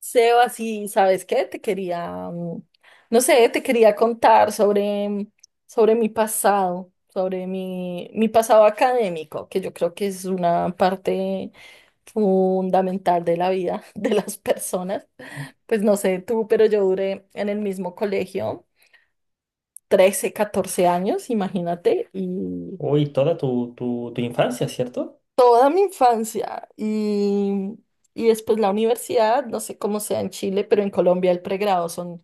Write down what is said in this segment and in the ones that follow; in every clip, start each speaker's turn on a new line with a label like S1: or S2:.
S1: Seba, sí, ¿sabes qué? Te quería, no sé, te quería contar sobre mi pasado, sobre mi pasado académico, que yo creo que es una parte fundamental de la vida de las personas. Pues no sé tú, pero yo duré en el mismo colegio 13 14 años, imagínate, y
S2: Uy, toda tu infancia, ¿cierto?
S1: toda mi infancia. Y después la universidad, no sé cómo sea en Chile, pero en Colombia el pregrado son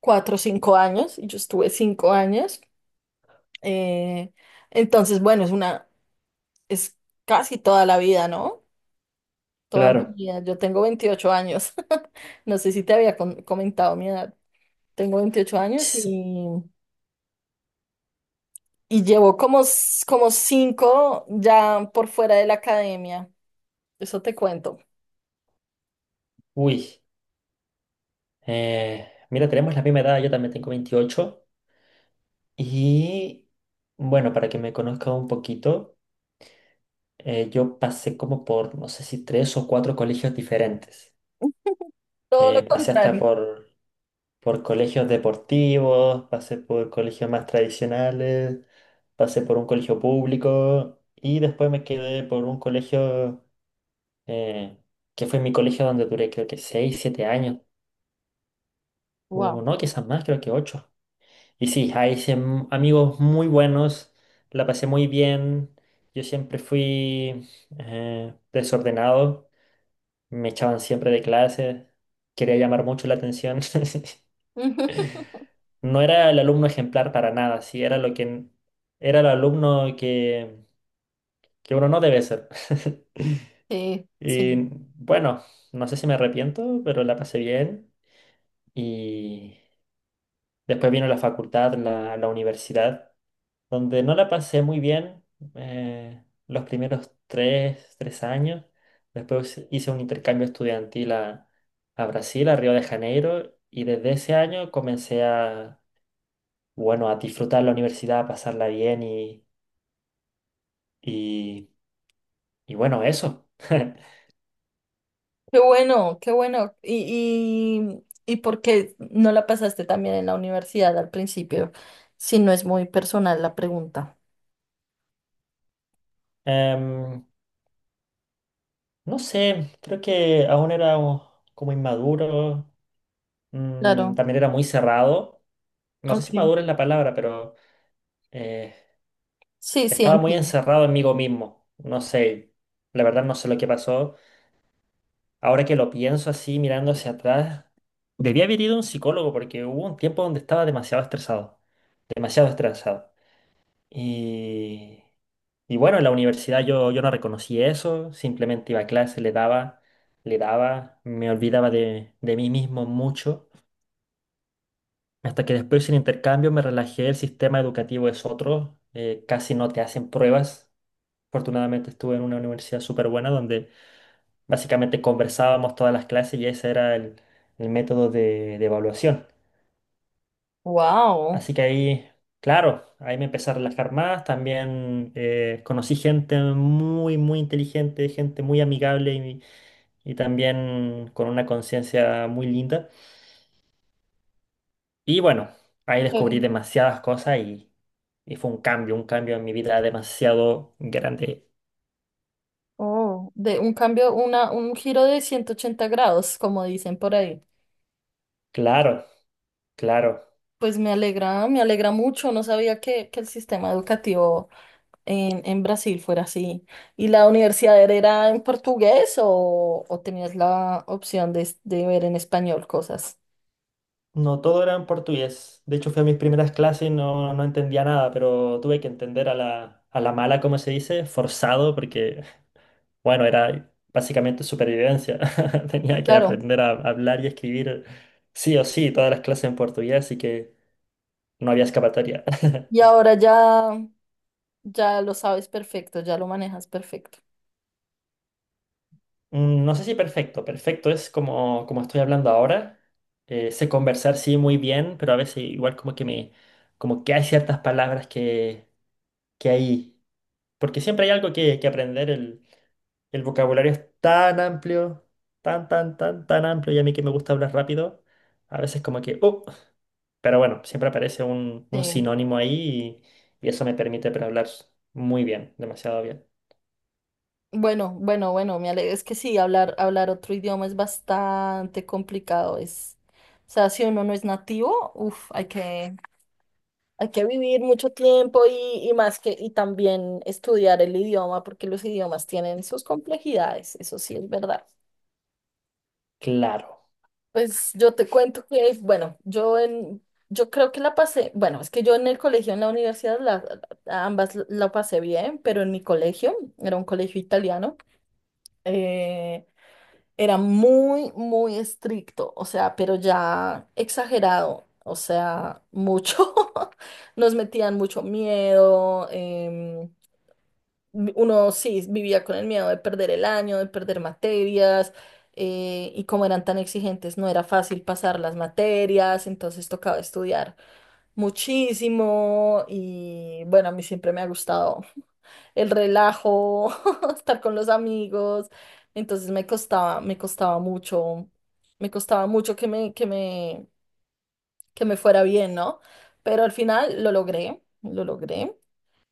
S1: 4 o 5 años, y yo estuve 5 años. Eh, entonces, bueno, es casi toda la vida, ¿no? Toda mi
S2: Claro.
S1: vida. Yo tengo 28 años. No sé si te había comentado mi edad. Tengo 28 años y,
S2: Ts,
S1: llevo como cinco ya por fuera de la academia. Eso te cuento.
S2: uy. Mira, tenemos la misma edad, yo también tengo 28. Y bueno, para que me conozca un poquito, yo pasé como por, no sé si tres o cuatro colegios diferentes.
S1: Todo lo
S2: Pasé hasta
S1: contrario.
S2: por colegios deportivos, pasé por colegios más tradicionales, pasé por un colegio público y después me quedé por un colegio eh, que fue mi colegio donde duré creo que 6 7 años,
S1: Wow.
S2: o no, quizás más, creo que 8. Y sí, ahí hice amigos muy buenos, la pasé muy bien, yo siempre fui desordenado, me echaban siempre de clase, quería llamar mucho la atención. No era el alumno ejemplar para nada, sí, era lo que era el alumno que uno no debe ser.
S1: Sí, sí.
S2: Y bueno, no sé si me arrepiento, pero la pasé bien y... Después vino la facultad, la universidad, donde no la pasé muy bien los primeros tres años. Después hice un intercambio estudiantil a Brasil, a Río de Janeiro, y desde ese año comencé a, bueno, a disfrutar la universidad, a pasarla bien y, y bueno, eso.
S1: Qué bueno, qué bueno. ¿Y por qué no la pasaste también en la universidad al principio? Si no es muy personal la pregunta.
S2: Em, no sé, creo que aún era como inmaduro,
S1: Claro,
S2: también era muy cerrado. No sé si
S1: ok.
S2: maduro es la palabra, pero... eh,
S1: Sí, sí,
S2: Estaba muy
S1: entiendo.
S2: encerrado en mí mismo. No sé, la verdad no sé lo que pasó. Ahora que lo pienso así, mirando hacia atrás, debía haber ido a un psicólogo porque hubo un tiempo donde estaba demasiado estresado, demasiado estresado. Y, y bueno, en la universidad yo, yo no reconocí eso, simplemente iba a clase, le daba, me olvidaba de mí mismo mucho. Hasta que después en intercambio me relajé, el sistema educativo es otro, casi no te hacen pruebas. Afortunadamente estuve en una universidad súper buena donde básicamente conversábamos todas las clases y ese era el método de evaluación.
S1: Wow.
S2: Así que ahí, claro, ahí me empecé a relajar más. También conocí gente muy, muy inteligente, gente muy amigable y también con una conciencia muy linda. Y bueno, ahí descubrí demasiadas cosas y fue un cambio en mi vida demasiado grande.
S1: Oh, de un cambio, un giro de 180 grados, como dicen por ahí.
S2: Claro, claro.
S1: Pues me alegra mucho. No sabía que el sistema educativo en Brasil fuera así. ¿Y la universidad era en portugués o tenías la opción de ver en español cosas?
S2: No, todo era en portugués. De hecho, fui a mis primeras clases y no, no entendía nada, pero tuve que entender a la mala, como se dice, forzado, porque, bueno, era básicamente supervivencia. Tenía que
S1: Claro.
S2: aprender a hablar y escribir sí o sí todas las clases en portugués, así que no había escapatoria.
S1: Y ahora ya, ya lo sabes perfecto, ya lo manejas perfecto.
S2: No sé si perfecto. Perfecto es como, como estoy hablando ahora. Sé conversar, sí, muy bien, pero a veces igual como que me... como que hay ciertas palabras que hay. Porque siempre hay algo que aprender. El vocabulario es tan amplio, tan, tan, tan, tan amplio. Y a mí que me gusta hablar rápido, a veces como que, oh, pero bueno, siempre aparece un
S1: Sí.
S2: sinónimo ahí y eso me permite para hablar muy bien, demasiado bien.
S1: Bueno, bueno, bueno, me alegro. Es que sí, hablar, hablar otro idioma es bastante complicado. Es, o sea, si uno no es nativo, uff, hay que vivir mucho tiempo y más que, y también estudiar el idioma, porque los idiomas tienen sus complejidades, eso sí es verdad.
S2: Claro.
S1: Pues yo te cuento que, bueno, yo en, yo creo que la pasé, bueno, es que yo en el colegio, en la universidad, ambas la pasé bien, pero en mi colegio, era un colegio italiano, eh, era muy, muy estricto, o sea, pero ya exagerado, o sea, mucho. Nos metían mucho miedo, uno sí vivía con el miedo de perder el año, de perder materias, y como eran tan exigentes, no era fácil pasar las materias, entonces tocaba estudiar muchísimo y bueno, a mí siempre me ha gustado el relajo, estar con los amigos, entonces me costaba mucho que me fuera bien, ¿no? Pero al final lo logré, lo logré.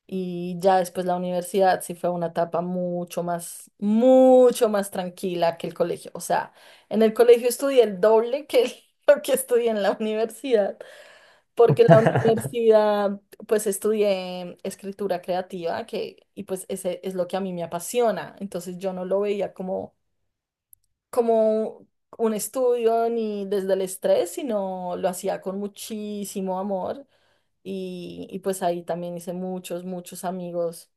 S1: Y ya después la universidad sí fue una etapa mucho más tranquila que el colegio. O sea, en el colegio estudié el doble que lo que estudié en la universidad, porque en la universidad pues estudié escritura creativa que, y pues ese es lo que a mí me apasiona. Entonces yo no lo veía como un estudio ni desde el estrés, sino lo hacía con muchísimo amor y pues ahí también hice muchos, muchos amigos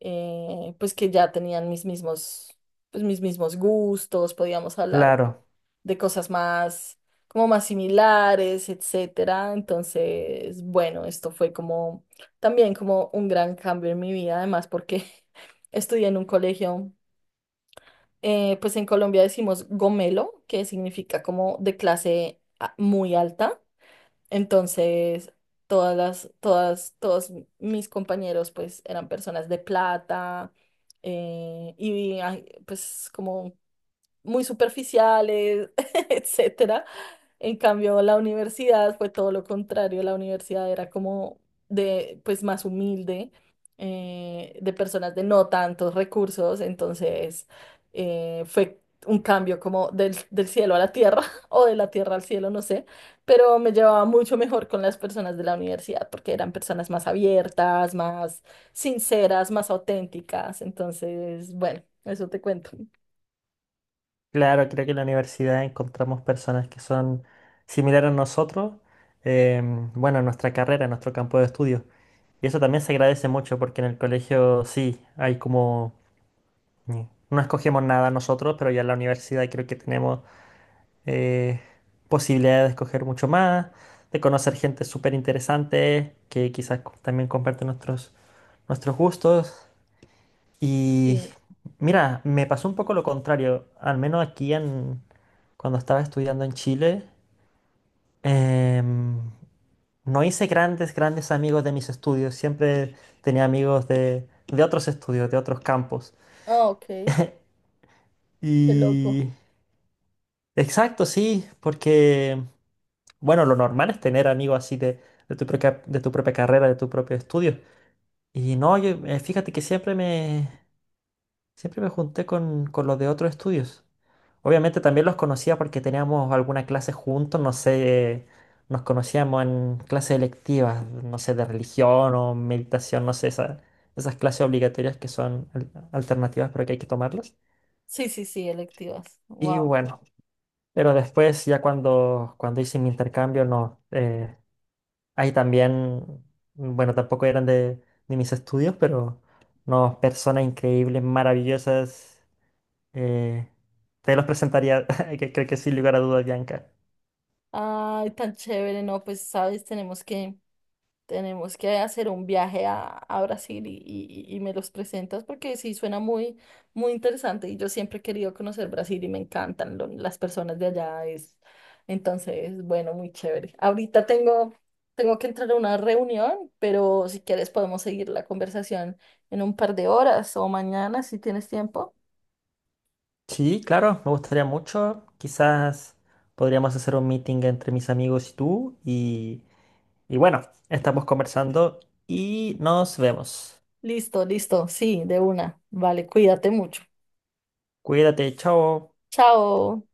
S1: pues que ya tenían mis mismos, pues mis mismos gustos, podíamos hablar
S2: Claro,
S1: de cosas más, como más similares, etcétera. Entonces, bueno, esto fue como también como un gran cambio en mi vida, además porque estudié en un colegio, pues en Colombia decimos gomelo, que significa como de clase muy alta. Entonces, todos mis compañeros, pues, eran personas de plata, y pues como muy superficiales, etcétera. En cambio, la universidad fue todo lo contrario. La universidad era como de, pues, más humilde, de personas de no tantos recursos. Entonces, fue un cambio como del cielo a la tierra o de la tierra al cielo, no sé. Pero me llevaba mucho mejor con las personas de la universidad porque eran personas más abiertas, más sinceras, más auténticas. Entonces, bueno, eso te cuento.
S2: claro, creo que en la universidad encontramos personas que son similares a nosotros, em, bueno, en nuestra carrera, en nuestro campo de estudio. Y eso también se agradece mucho porque en el colegio sí, hay como mm. No escogemos nada nosotros, pero ya en la universidad creo que tenemos eh, posibilidad de escoger mucho más, de conocer gente súper interesante que quizás también comparte nuestros, nuestros gustos. Y
S1: Sí.
S2: mira, me pasó un poco lo contrario, al menos aquí en, cuando estaba estudiando en Chile, em, no hice grandes, grandes amigos de mis estudios, siempre tenía amigos de otros estudios, de otros campos.
S1: Ah, ok, qué loco.
S2: Y exacto, sí, porque, bueno, lo normal es tener amigos así de tu propia carrera, de tu propio estudio. Y no, yo, fíjate que siempre me junté con los de otros estudios. Obviamente también los conocía porque teníamos alguna clase juntos, no sé, nos conocíamos en clases electivas, no sé, de religión o meditación, no sé, esas clases obligatorias que son alternativas, pero que hay que tomarlas.
S1: Sí, sí, sí, electivas.
S2: Y
S1: Wow.
S2: bueno. Pero después, ya cuando, cuando hice mi intercambio, no. Ahí también, bueno, tampoco eran de mis estudios, pero no, personas increíbles, maravillosas. eh, Te los presentaría, que creo que sin lugar a dudas, Bianca.
S1: Ay, tan chévere, no, pues sabes, tenemos que hacer un viaje a Brasil, y me los presentas porque sí suena muy, muy interesante y yo siempre he querido conocer Brasil y me encantan las personas de allá, es, entonces, bueno, muy chévere. Ahorita tengo, tengo que entrar a una reunión, pero si quieres podemos seguir la conversación en un par de horas o mañana si tienes tiempo.
S2: Sí, claro, me gustaría mucho. Quizás podríamos hacer un meeting entre mis amigos y tú. Y bueno, estamos conversando y nos vemos.
S1: Listo, listo. Sí, de una. Vale, cuídate mucho.
S2: Cuídate, chao.
S1: Chao.